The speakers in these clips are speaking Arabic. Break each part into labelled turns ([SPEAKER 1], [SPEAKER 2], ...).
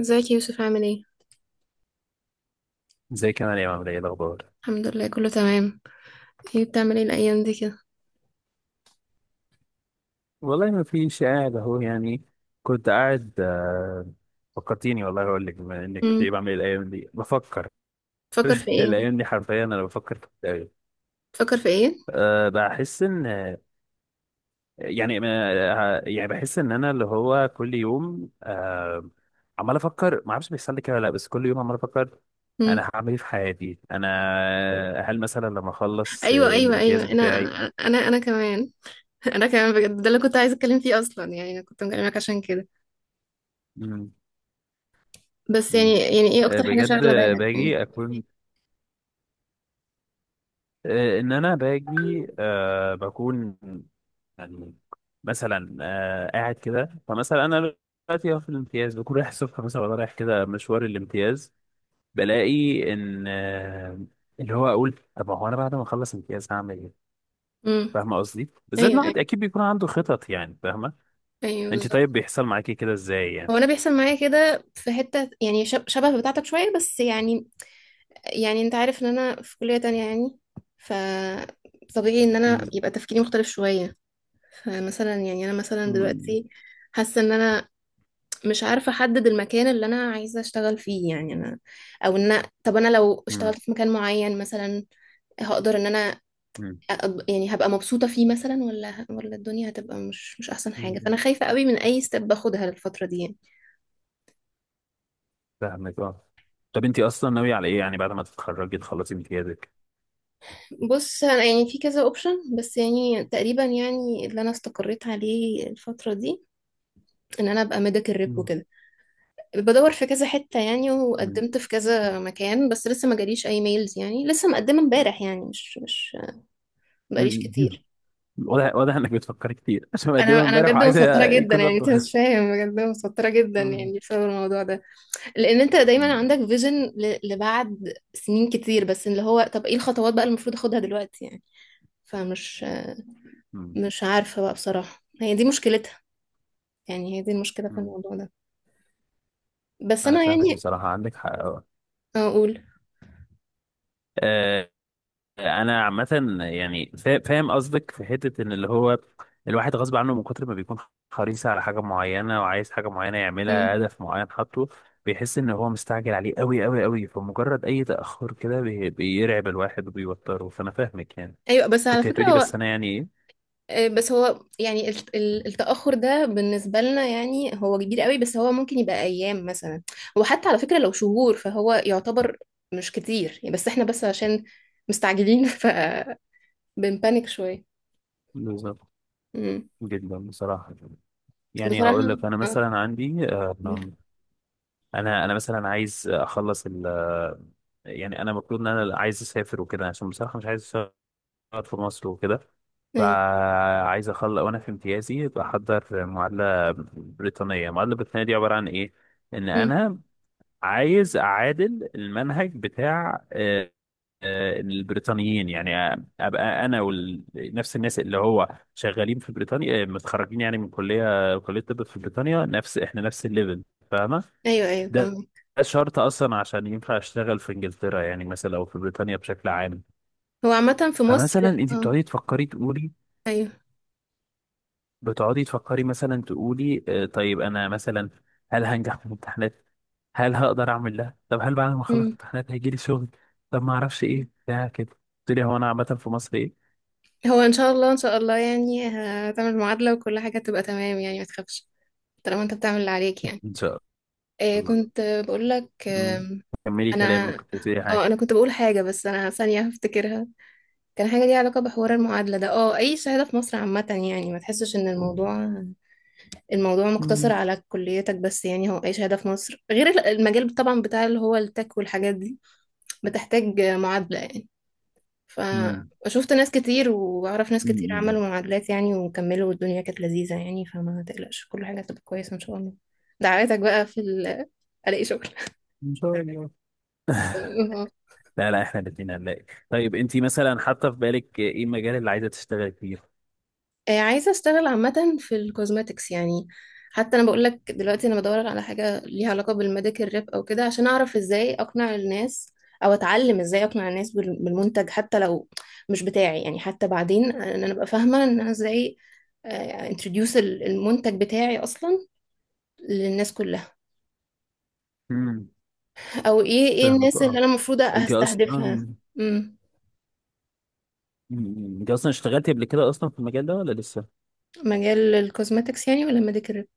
[SPEAKER 1] ازيك يا يوسف، عامل ايه؟
[SPEAKER 2] زي كمان يا عامل ايه الاخبار.
[SPEAKER 1] الحمد لله كله تمام. بتعمل ايه الايام دي كده؟
[SPEAKER 2] والله ما فيش قاعد اهو يعني. كنت قاعد فكرتيني والله اقول لك بما انك ايه
[SPEAKER 1] امم.
[SPEAKER 2] بعمل إيه الايام دي بفكر.
[SPEAKER 1] تفكر في ايه؟
[SPEAKER 2] الايام دي حرفيا انا بفكر في التأويل.
[SPEAKER 1] تفكر في ايه؟
[SPEAKER 2] أه بحس ان يعني بحس ان انا اللي هو كل يوم أه عمال افكر، ما اعرفش بيحصل لي كده ولا لا، بس كل يوم عمال افكر
[SPEAKER 1] امم.
[SPEAKER 2] انا هعمل ايه في حياتي انا. هل مثلا لما اخلص
[SPEAKER 1] ايوه ايوه ايوه.
[SPEAKER 2] الامتياز
[SPEAKER 1] انا
[SPEAKER 2] بتاعي؟
[SPEAKER 1] انا انا كمان. انا كمان بجد ده اللي كنت عايزه اتكلم فيه اصلا، يعني انا كنت مكلمك عشان كده.
[SPEAKER 2] مم.
[SPEAKER 1] بس يعني
[SPEAKER 2] مم.
[SPEAKER 1] يعني ايه
[SPEAKER 2] آه،
[SPEAKER 1] اكتر حاجه
[SPEAKER 2] بجد
[SPEAKER 1] شاغله بالك يعني؟
[SPEAKER 2] باجي اكون، آه، ان انا باجي، آه، بكون يعني مثلا، آه، قاعد كده. فمثلا انا دلوقتي أهو في الامتياز بكون رايح الصبح مثلا، وأنا رايح كده مشوار الامتياز بلاقي ان، آه، اللي هو اقول طب هو انا بعد ما اخلص امتياز هعمل ايه؟
[SPEAKER 1] امم.
[SPEAKER 2] فاهمه قصدي؟ بالذات
[SPEAKER 1] ايوه
[SPEAKER 2] إن
[SPEAKER 1] ايوه
[SPEAKER 2] الواحد اكيد بيكون عنده خطط يعني، فاهمه؟
[SPEAKER 1] ايوه
[SPEAKER 2] انت
[SPEAKER 1] بالظبط.
[SPEAKER 2] طيب بيحصل معاكي كده ازاي
[SPEAKER 1] هو
[SPEAKER 2] يعني؟
[SPEAKER 1] انا بيحصل معايا كده في حته، يعني شبه بتاعتك شويه بس يعني. يعني انت عارف ان انا في كليه تانية يعني، ف طبيعي ان انا
[SPEAKER 2] مم.
[SPEAKER 1] يبقى تفكيري مختلف شويه. فمثلا يعني انا مثلا
[SPEAKER 2] مم.
[SPEAKER 1] دلوقتي حاسه ان انا مش عارفه احدد المكان اللي انا عايزه اشتغل فيه، يعني انا او ان طب انا لو
[SPEAKER 2] مم.
[SPEAKER 1] اشتغلت في مكان معين مثلا هقدر ان انا
[SPEAKER 2] مم.
[SPEAKER 1] يعني هبقى مبسوطه فيه مثلا، ولا الدنيا هتبقى مش احسن حاجه.
[SPEAKER 2] مم.
[SPEAKER 1] فانا خايفه قوي من اي ستيب باخدها الفتره دي يعني.
[SPEAKER 2] فاهمك اه. طب انت اصلا ناويه على ايه يعني بعد ما تتخرجي تخلصي امتيازك؟
[SPEAKER 1] بص، انا يعني في كذا اوبشن، بس يعني تقريبا يعني اللي انا استقريت عليه الفتره دي ان انا ابقى ميديكال ريب
[SPEAKER 2] مم.
[SPEAKER 1] وكده. بدور في كذا حتة يعني، وقدمت في كذا مكان، بس لسه ما جاليش اي ميلز يعني، لسه مقدمة امبارح يعني، مش بقاليش
[SPEAKER 2] مم.
[SPEAKER 1] كتير.
[SPEAKER 2] واضح واضح انك بتفكر كتير عشان مقدمها
[SPEAKER 1] انا
[SPEAKER 2] امبارح
[SPEAKER 1] بجد
[SPEAKER 2] وعايزه
[SPEAKER 1] متوترة جدا
[SPEAKER 2] يكون
[SPEAKER 1] يعني، انت
[SPEAKER 2] رده.
[SPEAKER 1] مش فاهم، بجد متوترة جدا
[SPEAKER 2] مم.
[SPEAKER 1] يعني بسبب الموضوع ده، لان انت دايما عندك
[SPEAKER 2] مم.
[SPEAKER 1] فيجن لبعد سنين كتير. بس اللي هو طب ايه الخطوات بقى اللي المفروض اخدها دلوقتي يعني؟ فمش
[SPEAKER 2] مم.
[SPEAKER 1] مش عارفة بقى بصراحة. هي دي مشكلتها، يعني هي دي المشكلة في
[SPEAKER 2] مم.
[SPEAKER 1] الموضوع ده. بس
[SPEAKER 2] انا
[SPEAKER 1] انا
[SPEAKER 2] فاهمك
[SPEAKER 1] يعني
[SPEAKER 2] بصراحه، عندك حق أه.
[SPEAKER 1] اقول.
[SPEAKER 2] آه، انا عامه يعني فاهم قصدك في حته ان اللي هو الواحد غصب عنه من كتر ما بيكون حريص على حاجه معينه وعايز حاجه معينه يعملها،
[SPEAKER 1] مم.
[SPEAKER 2] هدف معين حاطه، بيحس ان هو مستعجل عليه قوي قوي قوي، فمجرد اي تاخر كده بيرعب الواحد وبيوتره. فانا فاهمك يعني.
[SPEAKER 1] ايوه بس على
[SPEAKER 2] كنت
[SPEAKER 1] فكرة
[SPEAKER 2] هتقولي
[SPEAKER 1] هو،
[SPEAKER 2] بس انا يعني ايه.
[SPEAKER 1] بس هو يعني التأخر ده بالنسبة لنا يعني هو كبير قوي، بس هو ممكن يبقى أيام مثلا. وحتى على فكرة لو شهور فهو يعتبر مش كتير يعني، بس احنا بس عشان مستعجلين فبنبانك شوية.
[SPEAKER 2] بالظبط.
[SPEAKER 1] مم.
[SPEAKER 2] جدا بصراحه. يعني هقول
[SPEAKER 1] بصراحة
[SPEAKER 2] لك انا
[SPEAKER 1] اه.
[SPEAKER 2] مثلا عندي، انا مثلا عايز اخلص ال، يعني انا المفروض ان انا عايز اسافر وكده، عشان بصراحه مش عايز اشتغل في مصر وكده.
[SPEAKER 1] ايوه.
[SPEAKER 2] فعايز اخلص وانا في امتيازي بحضر معادله بريطانيه. المعادله البريطانيه دي عباره عن ايه؟ ان
[SPEAKER 1] مم.
[SPEAKER 2] انا عايز اعادل المنهج بتاع، البريطانيين يعني، ابقى انا ونفس الناس اللي هو شغالين في بريطانيا، آه، متخرجين يعني من كليه كليه طب في بريطانيا، نفس احنا نفس الليفل، فاهمه.
[SPEAKER 1] ايوه ايوه
[SPEAKER 2] ده
[SPEAKER 1] فاهمة.
[SPEAKER 2] ده شرط اصلا عشان ينفع اشتغل في انجلترا يعني مثلا، او في بريطانيا بشكل عام.
[SPEAKER 1] هو عامة في مصر.
[SPEAKER 2] فمثلا انت
[SPEAKER 1] اه.
[SPEAKER 2] بتقعدي تفكري تقولي،
[SPEAKER 1] ايوه.
[SPEAKER 2] بتقعدي تفكري مثلا تقولي، آه، طيب انا مثلا هل هنجح في الامتحانات؟ هل هقدر اعمل ده؟ طب هل بعد ما اخلص
[SPEAKER 1] مم.
[SPEAKER 2] امتحانات هيجي لي شغل؟ طب ما اعرفش ايه بتاع كده. قلت لي هو انا عامه في مصر ايه.
[SPEAKER 1] هو ان شاء الله، ان شاء الله يعني هتعمل معادلة وكل حاجة تبقى تمام يعني، ما تخافش طالما انت بتعمل اللي عليك يعني.
[SPEAKER 2] ان شاء الله. الله.
[SPEAKER 1] كنت بقول لك.
[SPEAKER 2] مم. كملي
[SPEAKER 1] انا
[SPEAKER 2] كلامك، كنت بتقولي
[SPEAKER 1] اه انا
[SPEAKER 2] حاجة.
[SPEAKER 1] كنت بقول حاجه، بس انا ثانيه هفتكرها. كان حاجه ليها علاقه بحوار المعادله ده. اه، اي شهاده في مصر عامه يعني، ما تحسش ان الموضوع مقتصر
[SPEAKER 2] مم.
[SPEAKER 1] على كليتك بس، يعني هو اي شهاده في مصر غير المجال طبعا بتاع اللي هو التك والحاجات دي بتحتاج معادله يعني.
[SPEAKER 2] مم.
[SPEAKER 1] فشفت ناس كتير واعرف ناس كتير
[SPEAKER 2] مم.
[SPEAKER 1] عملوا معادلات يعني وكملوا والدنيا كانت لذيذه يعني، فما تقلقش كل حاجه هتبقى كويسه ان شاء الله. دعواتك بقى في الاقي شغل.
[SPEAKER 2] ان شاء الله. لا لا، احنا الاثنين هنلاقي. طيب انت مثلا حاطه في بالك ايه المجال اللي عايزه تشتغلي فيه؟
[SPEAKER 1] عايزة اشتغل عامة في الكوزماتكس يعني. حتى انا بقول لك دلوقتي انا بدور على حاجة ليها علاقة بالميديكال ريب او كده عشان اعرف ازاي اقنع الناس، او اتعلم ازاي اقنع الناس بالمنتج حتى لو مش بتاعي يعني، حتى بعدين ان انا ابقى فاهمة ان انا ازاي انتروديوس المنتج بتاعي اصلا للناس كلها،
[SPEAKER 2] امم.
[SPEAKER 1] او ايه
[SPEAKER 2] فاهمك
[SPEAKER 1] الناس اللي
[SPEAKER 2] اه.
[SPEAKER 1] انا المفروض
[SPEAKER 2] انت
[SPEAKER 1] هستهدفها.
[SPEAKER 2] اصلا.
[SPEAKER 1] امم.
[SPEAKER 2] مم. انت اصلا اشتغلتي قبل كده اصلا في المجال ده ولا لسه؟
[SPEAKER 1] مجال الكوزماتكس يعني ولا الميديكال ريب؟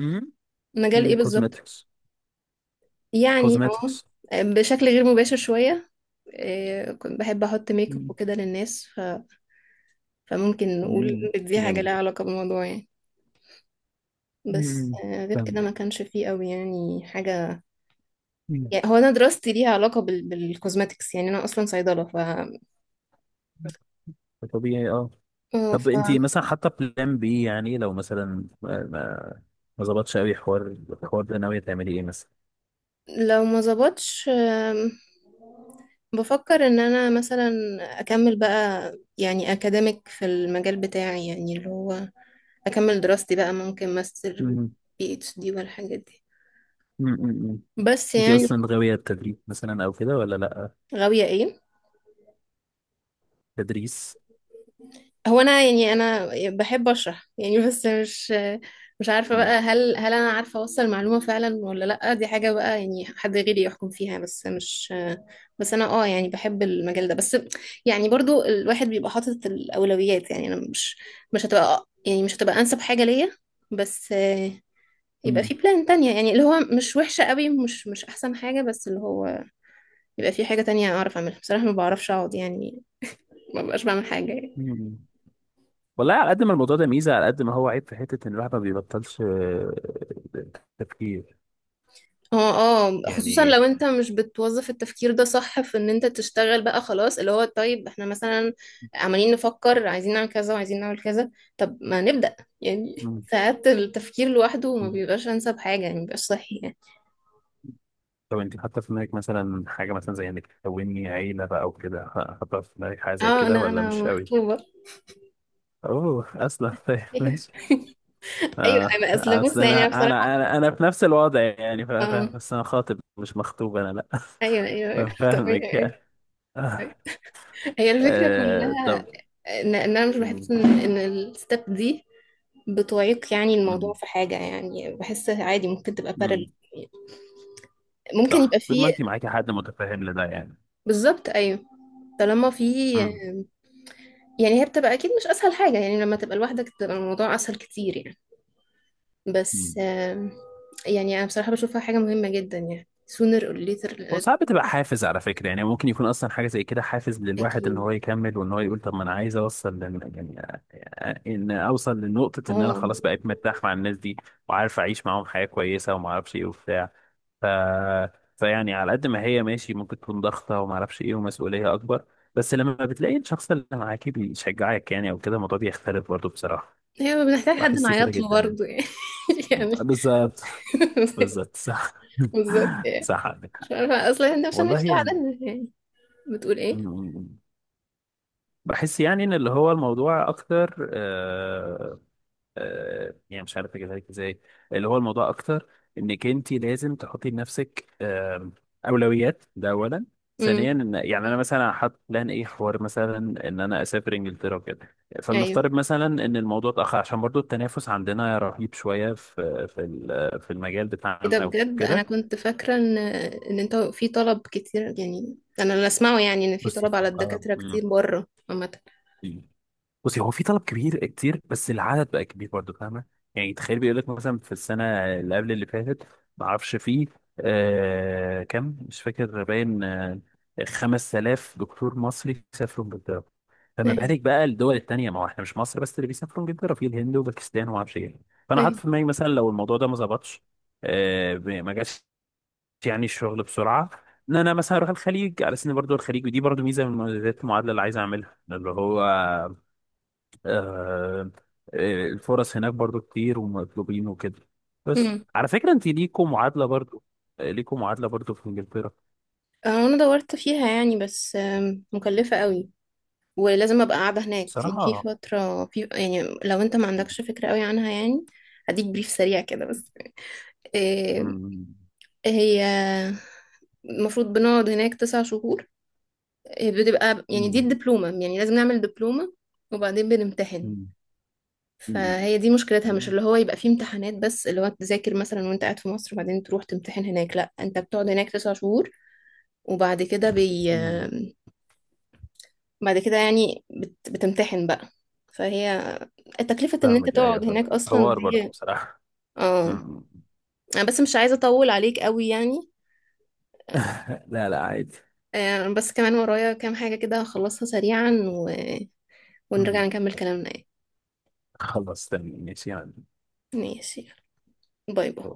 [SPEAKER 2] امم.
[SPEAKER 1] مجال ايه بالظبط؟
[SPEAKER 2] كوزماتكس.
[SPEAKER 1] يعني
[SPEAKER 2] كوزماتكس.
[SPEAKER 1] اه بشكل غير مباشر شوية. إيه، كنت بحب احط ميك اب وكده للناس، ف... فممكن نقول
[SPEAKER 2] امم.
[SPEAKER 1] إن دي حاجه
[SPEAKER 2] جامد.
[SPEAKER 1] لها علاقه بالموضوع يعني. بس
[SPEAKER 2] امم.
[SPEAKER 1] غير كده
[SPEAKER 2] فاهمك.
[SPEAKER 1] ما كانش فيه قوي يعني حاجه.
[SPEAKER 2] مم.
[SPEAKER 1] يعني هو انا دراستي ليها علاقه بال... بالكوزماتكس يعني، انا اصلا صيدله. ف
[SPEAKER 2] طبيعي اه.
[SPEAKER 1] آه،
[SPEAKER 2] طب انت مثلا حاطه بلان بي يعني لو مثلا، ما ظبطش قوي حوار الحوار ده، ناوية تعملي ايه مثلا؟
[SPEAKER 1] فلو ما ظبطش بفكر ان انا مثلا اكمل بقى، يعني اكاديميك في المجال بتاعي، يعني اللي هو اكمل دراستي بقى ممكن ماستر،
[SPEAKER 2] مم.
[SPEAKER 1] بي اتش دي والحاجات دي.
[SPEAKER 2] مم. مم.
[SPEAKER 1] بس
[SPEAKER 2] انتي
[SPEAKER 1] يعني
[SPEAKER 2] اصلا غاوية التدريب مثلا او كده ولا لا؟
[SPEAKER 1] غاوية ايه؟
[SPEAKER 2] تدريس.
[SPEAKER 1] هو انا يعني انا بحب اشرح يعني، بس مش عارفه
[SPEAKER 2] مم.
[SPEAKER 1] بقى هل انا عارفه اوصل معلومه فعلا ولا لا. دي حاجه بقى يعني حد غيري يحكم فيها. بس مش، بس انا اه يعني بحب المجال ده بس يعني، برضو الواحد بيبقى حاطط الاولويات، يعني انا مش، مش هتبقى يعني، مش هتبقى انسب حاجه ليا. بس يبقى في
[SPEAKER 2] مم.
[SPEAKER 1] بلان تانية يعني، اللي هو مش وحشة قوي، مش أحسن حاجة، بس اللي هو يبقى في حاجة تانية أعرف أعملها. بصراحة ما بعرفش أقعد يعني، ما بقاش بعمل حاجة.
[SPEAKER 2] مم. والله على قد ما الموضوع ده ميزة، على قد ما هو عيب في حتة ان الواحد ما بيبطلش، تفكير
[SPEAKER 1] اه اه، خصوصا
[SPEAKER 2] يعني.
[SPEAKER 1] لو انت مش بتوظف التفكير ده صح في ان انت تشتغل بقى، خلاص اللي هو طيب احنا مثلا عمالين نفكر، عايزين نعمل كذا وعايزين نعمل كذا. طب ما نبدأ يعني.
[SPEAKER 2] مم.
[SPEAKER 1] ساعات التفكير لوحده ما بيبقاش انسب حاجة يعني، مبيبقاش صحي يعني.
[SPEAKER 2] طب انت حاطة في دماغك مثلا حاجة مثلا زي انك تكوني عيلة بقى او كده؟ حاطة في دماغك حاجة زي
[SPEAKER 1] اه،
[SPEAKER 2] كده
[SPEAKER 1] انا
[SPEAKER 2] ولا
[SPEAKER 1] انا
[SPEAKER 2] مش قوي؟
[SPEAKER 1] مخطوبة.
[SPEAKER 2] اوه، اصلا ماشي.
[SPEAKER 1] ايوه
[SPEAKER 2] اه
[SPEAKER 1] انا اصل بص
[SPEAKER 2] اصل
[SPEAKER 1] يعني،
[SPEAKER 2] انا
[SPEAKER 1] أنا
[SPEAKER 2] انا،
[SPEAKER 1] بصراحة
[SPEAKER 2] انا في نفس الوضع يعني
[SPEAKER 1] اه.
[SPEAKER 2] فاهم. بس انا خاطب مش مخطوب انا، لا.
[SPEAKER 1] ايوه ايوه أيوة.
[SPEAKER 2] فاهمك
[SPEAKER 1] طبيعي.
[SPEAKER 2] يعني. آه.
[SPEAKER 1] هي الفكرة
[SPEAKER 2] آه. طب.
[SPEAKER 1] كلها إن انا مش
[SPEAKER 2] مم.
[SPEAKER 1] بحس ان الستep دي بتعيق يعني الموضوع
[SPEAKER 2] مم.
[SPEAKER 1] في حاجة، يعني بحس عادي ممكن تبقى بارل.
[SPEAKER 2] مم.
[SPEAKER 1] ممكن يبقى
[SPEAKER 2] صح، طول
[SPEAKER 1] فيه.
[SPEAKER 2] ما انت معاكي حد متفاهم لده يعني.
[SPEAKER 1] بالظبط أيوه، طالما فيه،
[SPEAKER 2] مم.
[SPEAKER 1] يعني هي بتبقى أكيد مش أسهل حاجة، يعني لما تبقى لوحدك بتبقى الموضوع أسهل كتير يعني. بس
[SPEAKER 2] مم.
[SPEAKER 1] يعني أنا بصراحة بشوفها حاجة مهمة جدا يعني، sooner or later لازم.
[SPEAKER 2] وساعات بتبقى حافز على فكرة. يعني ممكن يكون أصلا حاجة زي كده حافز للواحد إن هو
[SPEAKER 1] أكيد.
[SPEAKER 2] يكمل، وإن هو يقول طب ما أنا عايز أوصل يعني، آه، إن أوصل لنقطة إن أنا
[SPEAKER 1] اه،
[SPEAKER 2] خلاص بقيت مرتاح مع الناس دي، وعارف أعيش معاهم حياة كويسة وما أعرفش إيه وبتاع ف... فيعني على قد ما هي ماشي ممكن تكون ضغطة وما اعرفش ايه ومسؤولية اكبر، بس لما بتلاقي الشخص اللي معاك بيشجعك يعني او كده، الموضوع بيختلف برضه بصراحة.
[SPEAKER 1] هي بنحتاج حد
[SPEAKER 2] بحس كده
[SPEAKER 1] نعيط له
[SPEAKER 2] جدا.
[SPEAKER 1] برضه يعني. يعني
[SPEAKER 2] بالظبط. بالظبط صح.
[SPEAKER 1] بالظبط يعني.
[SPEAKER 2] صح عندك حق.
[SPEAKER 1] مش عارفة أصلا احنا عشان
[SPEAKER 2] والله
[SPEAKER 1] مش
[SPEAKER 2] يعني.
[SPEAKER 1] لوحدنا يعني. بتقول
[SPEAKER 2] م-
[SPEAKER 1] ايه؟
[SPEAKER 2] م- م. بحس يعني ان اللي هو الموضوع اكتر، يعني مش عارف اجيبها لك ازاي. اللي هو الموضوع اكتر انك انت لازم تحطي لنفسك، اولويات، ده اولا. ثانيا
[SPEAKER 1] امم.
[SPEAKER 2] ان، يعني انا مثلا حاطط بلان ايه حوار مثلا، ان انا اسافر انجلترا وكده. فلنفترض مثلا ان الموضوع اتاخر، عشان برضو التنافس عندنا رهيب شويه في المجال
[SPEAKER 1] ايه ده،
[SPEAKER 2] بتاعنا
[SPEAKER 1] بجد انا
[SPEAKER 2] وكده.
[SPEAKER 1] كنت فاكره ان انت في طلب كتير يعني. انا اللي اسمعه يعني ان في
[SPEAKER 2] بصي
[SPEAKER 1] طلب
[SPEAKER 2] هو،
[SPEAKER 1] على الدكاتره كتير بره عامه.
[SPEAKER 2] مم. بصي هو في طلب كبير كتير، بس العدد بقى كبير برضه، فاهمه. يعني تخيل بيقول لك مثلا في السنه اللي قبل اللي فاتت، ما اعرفش فيه، آه كم مش فاكر، باين آه 5,000 دكتور مصري سافروا انجلترا. فما
[SPEAKER 1] ايوه
[SPEAKER 2] بالك بقى الدول التانيه، ما هو احنا مش مصر بس اللي بيسافروا انجلترا، في الهند وباكستان وما اعرفش ايه. فانا حاطط
[SPEAKER 1] ايوه.
[SPEAKER 2] في دماغي مثلا لو الموضوع ده ما ظبطش، آه ما جاش يعني الشغل بسرعه، ان انا مثلا اروح الخليج على سن برضه. الخليج ودي برضه ميزه من مميزات المعادله اللي عايز اعملها، اللي هو، آه، الفرص هناك برضو كتير، ومطلوبين وكده. بس
[SPEAKER 1] امم.
[SPEAKER 2] على فكرة انت ليكوا معادلة برضو، آه، ليكوا معادلة برضو في انجلترا.
[SPEAKER 1] انا دورت فيها يعني، بس مكلفه قوي ولازم ابقى قاعده هناك يعني في
[SPEAKER 2] بصراحة
[SPEAKER 1] فتره، في يعني لو انت ما عندكش فكره قوي عنها يعني، هديك بريف سريع كده بس. آه،
[SPEAKER 2] مم،
[SPEAKER 1] هي المفروض بنقعد هناك 9 شهور. بتبقى يعني دي
[SPEAKER 2] مم،
[SPEAKER 1] الدبلومه، يعني لازم نعمل دبلومه وبعدين بنمتحن.
[SPEAKER 2] مم، مم،
[SPEAKER 1] فهي دي مشكلتها، مش اللي هو يبقى فيه امتحانات بس اللي هو تذاكر مثلا وانت قاعد في مصر وبعدين تروح تمتحن هناك، لا انت بتقعد هناك 9 شهور، وبعد كده
[SPEAKER 2] مم.
[SPEAKER 1] بعد كده يعني بتمتحن بقى. فهي تكلفة ان انت
[SPEAKER 2] فاهمك
[SPEAKER 1] تقعد
[SPEAKER 2] ايوه، فاهم
[SPEAKER 1] هناك اصلا
[SPEAKER 2] حوار برضو
[SPEAKER 1] دي.
[SPEAKER 2] بصراحة.
[SPEAKER 1] اه
[SPEAKER 2] مم.
[SPEAKER 1] انا بس مش عايزة اطول عليك قوي يعني.
[SPEAKER 2] لا لا عادي.
[SPEAKER 1] بس كمان ورايا كام حاجة كده هخلصها سريعا و... ونرجع
[SPEAKER 2] مم.
[SPEAKER 1] نكمل كلامنا يعني.
[SPEAKER 2] خلاص تمام ماشي يعني.
[SPEAKER 1] ماشي. باي باي.